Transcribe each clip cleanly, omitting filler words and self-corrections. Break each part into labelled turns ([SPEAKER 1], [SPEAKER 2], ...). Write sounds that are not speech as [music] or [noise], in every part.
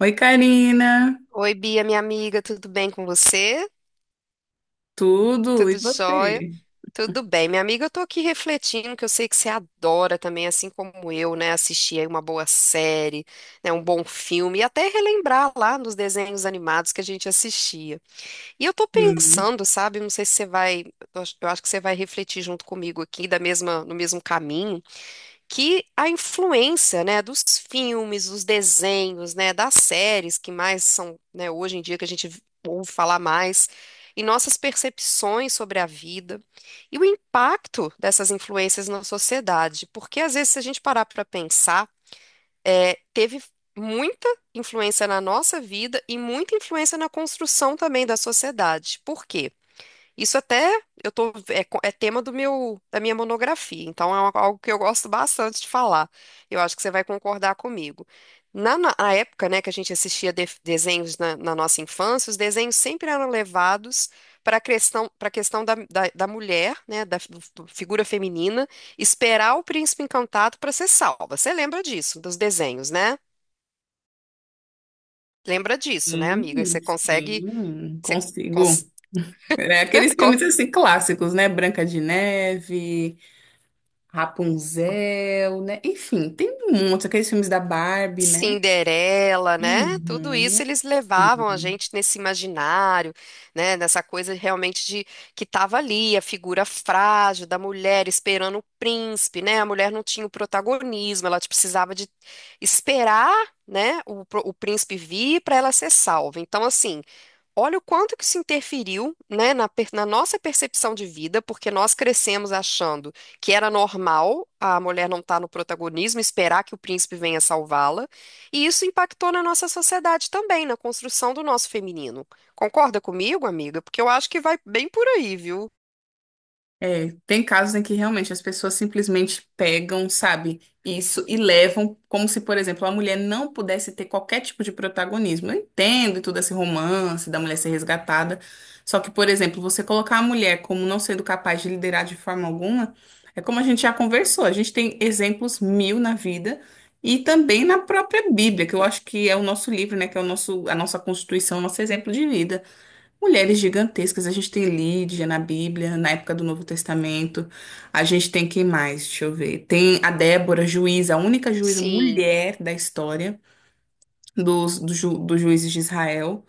[SPEAKER 1] Oi, Karina.
[SPEAKER 2] Oi, Bia, minha amiga, tudo bem com você?
[SPEAKER 1] Tudo? E
[SPEAKER 2] Tudo jóia?
[SPEAKER 1] você?
[SPEAKER 2] Tudo bem, minha amiga, eu tô aqui refletindo que eu sei que você adora também, assim como eu, né, assistir aí uma boa série, né, um bom filme e até relembrar lá nos desenhos animados que a gente assistia. E eu tô
[SPEAKER 1] Sim,
[SPEAKER 2] pensando, sabe, não sei se você vai, eu acho que você vai refletir junto comigo aqui da mesma, no mesmo caminho que a influência, né, dos filmes, dos desenhos, né, das séries que mais são, né, hoje em dia que a gente ouve falar mais, e nossas percepções sobre a vida e o impacto dessas influências na sociedade, porque às vezes se a gente parar para pensar, é, teve muita influência na nossa vida e muita influência na construção também da sociedade. Por quê? Isso até eu tô, é, é tema do meu, da minha monografia, então é algo que eu gosto bastante de falar. Eu acho que você vai concordar comigo. Na época, né, que a gente assistia desenhos na nossa infância, os desenhos sempre eram levados para a questão, para questão da mulher, né, figura feminina, esperar o príncipe encantado para ser salva. Você lembra disso, dos desenhos, né? Lembra disso, né,
[SPEAKER 1] sim,
[SPEAKER 2] amiga? Você consegue,
[SPEAKER 1] sim,
[SPEAKER 2] você
[SPEAKER 1] consigo.
[SPEAKER 2] cons-
[SPEAKER 1] É aqueles
[SPEAKER 2] [laughs] consegue
[SPEAKER 1] filmes assim clássicos, né? Branca de Neve, Rapunzel, né? Enfim, tem um monte, aqueles filmes da Barbie, né?
[SPEAKER 2] Cinderela, né? Tudo isso
[SPEAKER 1] Uhum,
[SPEAKER 2] eles levavam a
[SPEAKER 1] sim.
[SPEAKER 2] gente nesse imaginário, né? Nessa coisa realmente de que tava ali a figura frágil da mulher esperando o príncipe, né? A mulher não tinha o protagonismo, ela tipo, precisava de esperar, né? O, o príncipe vir para ela ser salva. Então, assim, olha o quanto que se interferiu, né, na nossa percepção de vida, porque nós crescemos achando que era normal a mulher não estar no protagonismo, esperar que o príncipe venha salvá-la, e isso impactou na nossa sociedade também, na construção do nosso feminino. Concorda comigo, amiga? Porque eu acho que vai bem por aí, viu?
[SPEAKER 1] É, tem casos em que realmente as pessoas simplesmente pegam, sabe, isso e levam, como se, por exemplo, a mulher não pudesse ter qualquer tipo de protagonismo. Eu entendo todo esse romance da mulher ser resgatada, só que, por exemplo, você colocar a mulher como não sendo capaz de liderar de forma alguma, é como a gente já conversou, a gente tem exemplos mil na vida e também na própria Bíblia, que eu acho que é o nosso livro, né, que é o nosso, a nossa Constituição, o nosso exemplo de vida. Mulheres gigantescas, a gente tem Lídia na Bíblia, na época do Novo Testamento. A gente tem quem mais? Deixa eu ver. Tem a Débora, juíza, a única juíza
[SPEAKER 2] Sim,
[SPEAKER 1] mulher da história dos juízes de Israel.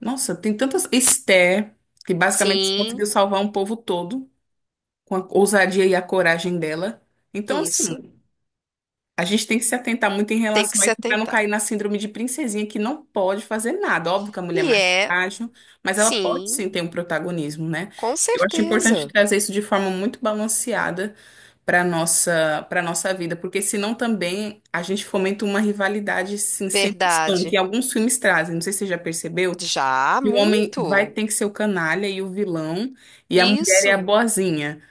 [SPEAKER 1] Nossa, tem tantas. Esther, que basicamente
[SPEAKER 2] sim,
[SPEAKER 1] conseguiu salvar um povo todo com a ousadia e a coragem dela. Então, assim.
[SPEAKER 2] isso.
[SPEAKER 1] A gente tem que se atentar muito em
[SPEAKER 2] Tem que
[SPEAKER 1] relação a
[SPEAKER 2] se
[SPEAKER 1] isso para não
[SPEAKER 2] atentar.
[SPEAKER 1] cair na síndrome de princesinha que não pode fazer nada. Óbvio que a mulher é
[SPEAKER 2] E
[SPEAKER 1] mais
[SPEAKER 2] é,
[SPEAKER 1] frágil, mas ela pode
[SPEAKER 2] sim,
[SPEAKER 1] sim ter um protagonismo, né?
[SPEAKER 2] com
[SPEAKER 1] Eu acho importante
[SPEAKER 2] certeza.
[SPEAKER 1] trazer isso de forma muito balanceada para nossa vida, porque senão também a gente fomenta uma rivalidade sim, sem noção,
[SPEAKER 2] Verdade.
[SPEAKER 1] que alguns filmes trazem. Não sei se você já percebeu
[SPEAKER 2] Já,
[SPEAKER 1] que o homem vai
[SPEAKER 2] muito.
[SPEAKER 1] ter que ser o canalha e o vilão e a mulher é a
[SPEAKER 2] Isso.
[SPEAKER 1] boazinha.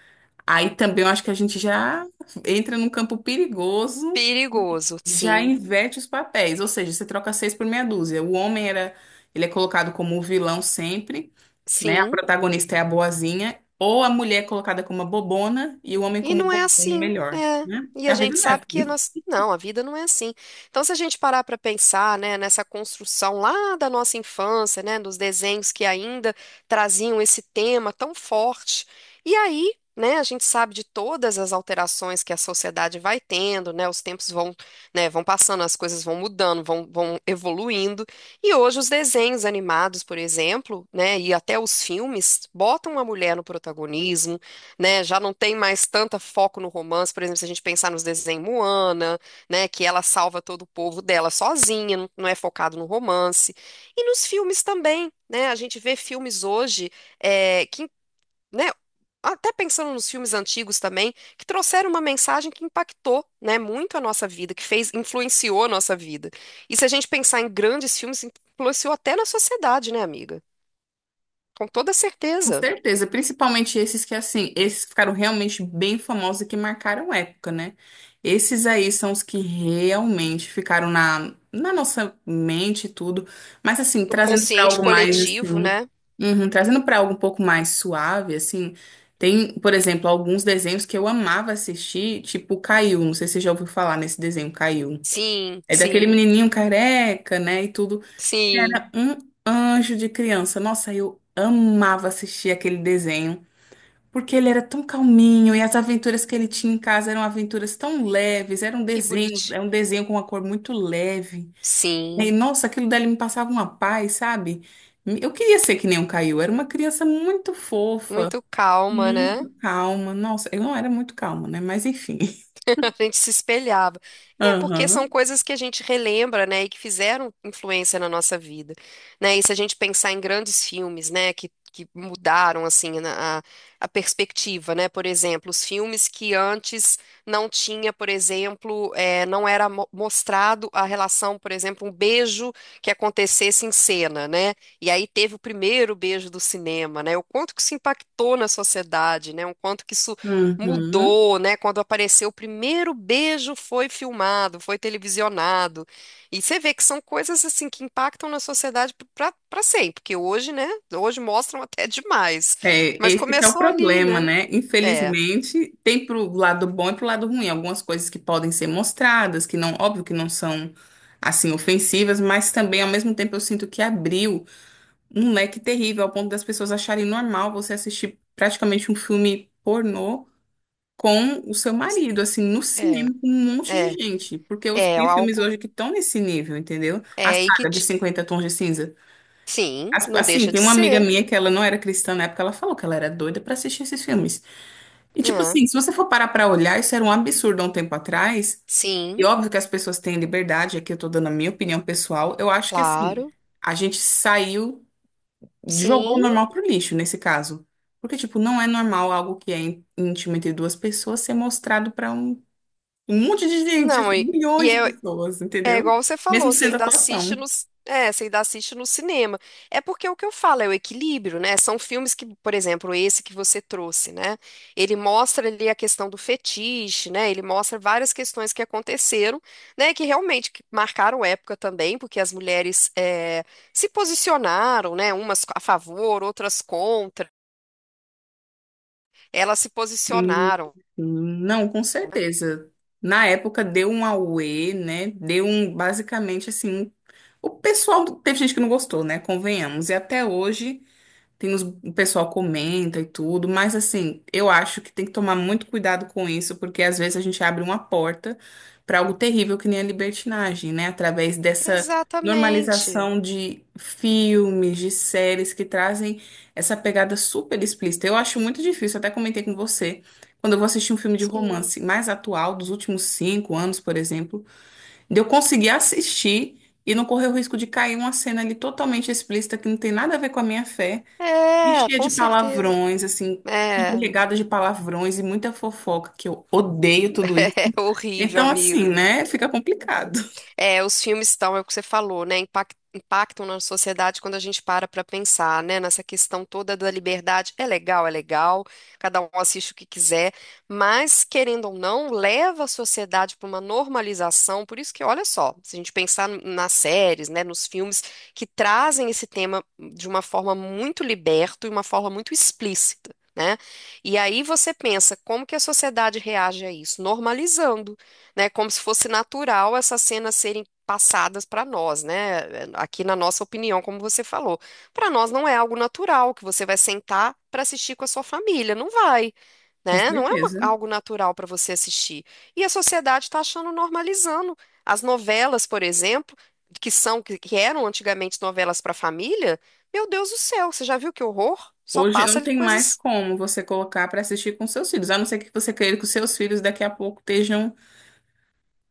[SPEAKER 1] Aí também eu acho que a gente já entra num campo perigoso
[SPEAKER 2] Perigoso,
[SPEAKER 1] já
[SPEAKER 2] sim,
[SPEAKER 1] inverte os papéis, ou seja, você troca seis por meia dúzia. O homem era, ele é colocado como o vilão sempre, né? A
[SPEAKER 2] sim.
[SPEAKER 1] protagonista é a boazinha, ou a mulher é colocada como a bobona e o homem
[SPEAKER 2] E
[SPEAKER 1] como o
[SPEAKER 2] não é
[SPEAKER 1] bobão
[SPEAKER 2] assim,
[SPEAKER 1] melhor,
[SPEAKER 2] né.
[SPEAKER 1] né?
[SPEAKER 2] E
[SPEAKER 1] É
[SPEAKER 2] a
[SPEAKER 1] a
[SPEAKER 2] gente
[SPEAKER 1] vida
[SPEAKER 2] sabe
[SPEAKER 1] dessa.
[SPEAKER 2] que nós não, a vida não é assim. Então, se a gente parar para pensar, né, nessa construção lá da nossa infância, né, dos desenhos que ainda traziam esse tema tão forte, e aí, né, a gente sabe de todas as alterações que a sociedade vai tendo, né, os tempos vão, né, vão passando, as coisas vão mudando, vão evoluindo, e hoje os desenhos animados, por exemplo, né, e até os filmes botam a mulher no protagonismo, né? Já não tem mais tanto foco no romance, por exemplo, se a gente pensar nos desenhos Moana, né? Que ela salva todo o povo dela sozinha, não é focado no romance. E nos filmes também, né? A gente vê filmes hoje é, que, né? Até pensando nos filmes antigos também, que trouxeram uma mensagem que impactou, né, muito a nossa vida, que fez, influenciou a nossa vida. E se a gente pensar em grandes filmes, influenciou até na sociedade, né, amiga? Com toda
[SPEAKER 1] Com
[SPEAKER 2] certeza.
[SPEAKER 1] certeza, principalmente esses que assim, esses que ficaram realmente bem famosos e que marcaram época, né? Esses aí são os que realmente ficaram na nossa mente e tudo, mas assim,
[SPEAKER 2] O
[SPEAKER 1] trazendo para
[SPEAKER 2] consciente
[SPEAKER 1] algo mais
[SPEAKER 2] coletivo,
[SPEAKER 1] assim,
[SPEAKER 2] né?
[SPEAKER 1] uhum, trazendo para algo um pouco mais suave, assim, tem, por exemplo, alguns desenhos que eu amava assistir, tipo Caiu, não sei se você já ouviu falar nesse desenho Caiu.
[SPEAKER 2] Sim,
[SPEAKER 1] É daquele
[SPEAKER 2] sim,
[SPEAKER 1] menininho careca, né, e tudo
[SPEAKER 2] sim.
[SPEAKER 1] era um anjo de criança. Nossa, eu amava assistir aquele desenho, porque ele era tão calminho e as aventuras que ele tinha em casa eram aventuras tão leves,
[SPEAKER 2] Que bonitinho.
[SPEAKER 1] era um desenho com uma cor muito leve. E
[SPEAKER 2] Sim,
[SPEAKER 1] nossa, aquilo dali me passava uma paz, sabe? Eu queria ser que nem um Caio, era uma criança muito fofa,
[SPEAKER 2] muito calma, né?
[SPEAKER 1] muito calma. Nossa, eu não era muito calma, né? Mas enfim. [laughs]
[SPEAKER 2] [laughs] A gente se espelhava. É porque são
[SPEAKER 1] Aham.
[SPEAKER 2] coisas que a gente relembra, né, e que fizeram influência na nossa vida, né? E se a gente pensar em grandes filmes, né, que mudaram assim a perspectiva, né? Por exemplo, os filmes que antes não tinha, por exemplo, não era mostrado a relação, por exemplo, um beijo que acontecesse em cena, né? E aí teve o primeiro beijo do cinema, né? O quanto que isso impactou na sociedade, né? O quanto que isso
[SPEAKER 1] Uhum.
[SPEAKER 2] mudou, né? Quando apareceu o primeiro beijo foi filmado, foi televisionado. E você vê que são coisas assim que impactam na sociedade para sempre, porque hoje, né? Hoje mostram até [laughs] demais.
[SPEAKER 1] É,
[SPEAKER 2] Mas
[SPEAKER 1] esse que é o
[SPEAKER 2] começou ali,
[SPEAKER 1] problema,
[SPEAKER 2] né?
[SPEAKER 1] né?
[SPEAKER 2] É,
[SPEAKER 1] Infelizmente, tem pro lado bom e pro lado ruim. Algumas coisas que podem ser mostradas, que não, óbvio que não são assim ofensivas, mas também ao mesmo tempo eu sinto que abriu um leque terrível ao ponto das pessoas acharem normal você assistir praticamente um filme pornô com o seu marido, assim, no
[SPEAKER 2] é,
[SPEAKER 1] cinema com um monte de
[SPEAKER 2] é,
[SPEAKER 1] gente, porque
[SPEAKER 2] é
[SPEAKER 1] tem filmes
[SPEAKER 2] algo
[SPEAKER 1] hoje que estão nesse nível, entendeu? A
[SPEAKER 2] é
[SPEAKER 1] saga de Cinquenta Tons de Cinza
[SPEAKER 2] sim,
[SPEAKER 1] as-
[SPEAKER 2] não
[SPEAKER 1] Assim,
[SPEAKER 2] deixa
[SPEAKER 1] tem
[SPEAKER 2] de
[SPEAKER 1] uma amiga
[SPEAKER 2] ser.
[SPEAKER 1] minha que ela não era cristã na época, ela falou que ela era doida pra assistir esses filmes. E tipo
[SPEAKER 2] É,
[SPEAKER 1] assim, se você for parar pra olhar, isso era um absurdo há um tempo atrás. E
[SPEAKER 2] sim,
[SPEAKER 1] óbvio que as pessoas têm liberdade, aqui eu tô dando a minha opinião pessoal. Eu acho que assim,
[SPEAKER 2] claro.
[SPEAKER 1] a gente saiu, jogou o
[SPEAKER 2] Sim.
[SPEAKER 1] normal pro lixo nesse caso. Porque tipo, não é normal algo que é íntimo entre duas pessoas ser mostrado pra um monte de gente,
[SPEAKER 2] Não,
[SPEAKER 1] assim,
[SPEAKER 2] e
[SPEAKER 1] milhões de
[SPEAKER 2] é-
[SPEAKER 1] pessoas,
[SPEAKER 2] é
[SPEAKER 1] entendeu?
[SPEAKER 2] igual você
[SPEAKER 1] Mesmo
[SPEAKER 2] falou, você
[SPEAKER 1] sendo
[SPEAKER 2] ainda assiste
[SPEAKER 1] atuação.
[SPEAKER 2] nos, é, você ainda assiste no cinema. É porque é o que eu falo é o equilíbrio, né? São filmes que, por exemplo, esse que você trouxe, né? Ele mostra ali a questão do fetiche, né? Ele mostra várias questões que aconteceram, né? Que realmente que marcaram época também, porque as mulheres é, se posicionaram, né? Umas a favor, outras contra. Elas se
[SPEAKER 1] Hum,
[SPEAKER 2] posicionaram,
[SPEAKER 1] hum. Não, com
[SPEAKER 2] né?
[SPEAKER 1] certeza. Na época deu um auê, né? Deu um, basicamente assim, o pessoal, teve gente que não gostou, né? Convenhamos. E até hoje tem os, o pessoal comenta e tudo, mas assim, eu acho que tem que tomar muito cuidado com isso, porque às vezes a gente abre uma porta para algo terrível que nem a libertinagem, né? Através dessa
[SPEAKER 2] Exatamente.
[SPEAKER 1] normalização de filmes, de séries que trazem essa pegada super explícita. Eu acho muito difícil, até comentei com você, quando eu vou assistir um filme de
[SPEAKER 2] Sim.
[SPEAKER 1] romance mais atual, dos últimos 5 anos, por exemplo, de eu conseguir assistir. E não correr o risco de cair uma cena ali totalmente explícita que não tem nada a ver com a minha fé. E
[SPEAKER 2] É,
[SPEAKER 1] cheia
[SPEAKER 2] com
[SPEAKER 1] de
[SPEAKER 2] certeza.
[SPEAKER 1] palavrões, assim,
[SPEAKER 2] É.
[SPEAKER 1] empregada de palavrões e muita fofoca, que eu odeio tudo isso.
[SPEAKER 2] É horrível,
[SPEAKER 1] Então, assim,
[SPEAKER 2] amigo.
[SPEAKER 1] né? Fica complicado,
[SPEAKER 2] É, os filmes estão, é o que você falou, né? Impactam na sociedade quando a gente para pensar, né? Nessa questão toda da liberdade. É legal, cada um assiste o que quiser, mas, querendo ou não, leva a sociedade para uma normalização. Por isso que, olha só, se a gente pensar nas séries, né, nos filmes que trazem esse tema de uma forma muito liberta e uma forma muito explícita. Né? E aí você pensa, como que a sociedade reage a isso? Normalizando, né, como se fosse natural essas cenas serem passadas para nós, né? Aqui na nossa opinião, como você falou. Para nós não é algo natural que você vai sentar para assistir com a sua família, não vai.
[SPEAKER 1] [laughs] com
[SPEAKER 2] Né? Não é
[SPEAKER 1] certeza.
[SPEAKER 2] algo natural para você assistir. E a sociedade está achando normalizando. As novelas, por exemplo, que são que eram antigamente novelas para família, meu Deus do céu, você já viu que horror? Só
[SPEAKER 1] Hoje
[SPEAKER 2] passa
[SPEAKER 1] não
[SPEAKER 2] ali
[SPEAKER 1] tem mais
[SPEAKER 2] coisas
[SPEAKER 1] como você colocar para assistir com seus filhos, a não ser que você queira que os seus filhos daqui a pouco estejam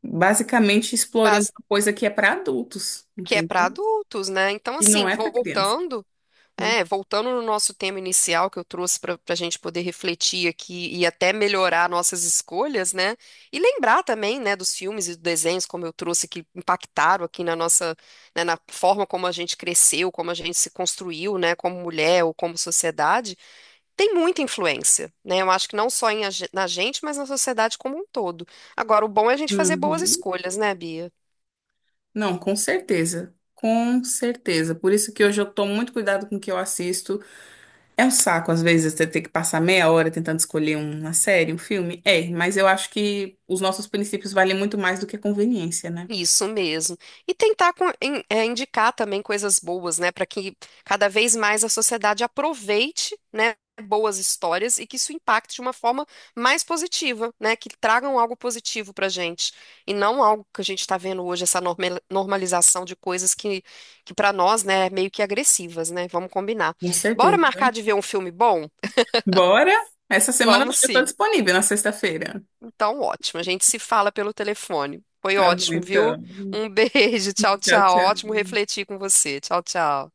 [SPEAKER 1] basicamente explorando
[SPEAKER 2] base-
[SPEAKER 1] uma coisa que é para adultos,
[SPEAKER 2] que é para
[SPEAKER 1] entendeu?
[SPEAKER 2] adultos, né? Então,
[SPEAKER 1] E
[SPEAKER 2] assim,
[SPEAKER 1] não é para criança,
[SPEAKER 2] voltando.
[SPEAKER 1] né?
[SPEAKER 2] É, voltando no nosso tema inicial que eu trouxe para a gente poder refletir aqui e até melhorar nossas escolhas, né? E lembrar também, né, dos filmes e dos desenhos, como eu trouxe, que impactaram aqui na nossa, né, na forma como a gente cresceu, como a gente se construiu, né, como mulher ou como sociedade, tem muita influência, né? Eu acho que não só em, na gente, mas na sociedade como um todo. Agora, o bom é a gente fazer boas
[SPEAKER 1] Uhum.
[SPEAKER 2] escolhas, né, Bia?
[SPEAKER 1] Não, com certeza. Com certeza. Por isso que hoje eu tomo muito cuidado com o que eu assisto. É um saco, às vezes, você ter que passar meia hora tentando escolher um, uma série, um filme. É, mas eu acho que os nossos princípios valem muito mais do que a conveniência, né?
[SPEAKER 2] Isso mesmo. E tentar é, indicar também coisas boas, né, para que cada vez mais a sociedade aproveite, né, boas histórias e que isso impacte de uma forma mais positiva, né, que tragam algo positivo para a gente e não algo que a gente está vendo hoje, essa normalização de coisas que para nós, né, é meio que agressivas, né? Vamos combinar.
[SPEAKER 1] Com
[SPEAKER 2] Bora
[SPEAKER 1] certeza.
[SPEAKER 2] marcar de ver um filme bom?
[SPEAKER 1] Bora? Essa semana eu
[SPEAKER 2] Vamos
[SPEAKER 1] estou
[SPEAKER 2] sim.
[SPEAKER 1] disponível na sexta-feira.
[SPEAKER 2] Então, ótimo. A gente se fala pelo telefone. Foi
[SPEAKER 1] Tá bom,
[SPEAKER 2] ótimo, viu?
[SPEAKER 1] então.
[SPEAKER 2] Um beijo. [laughs] Tchau,
[SPEAKER 1] Tchau,
[SPEAKER 2] tchau.
[SPEAKER 1] tchau.
[SPEAKER 2] Ótimo refletir com você. Tchau, tchau.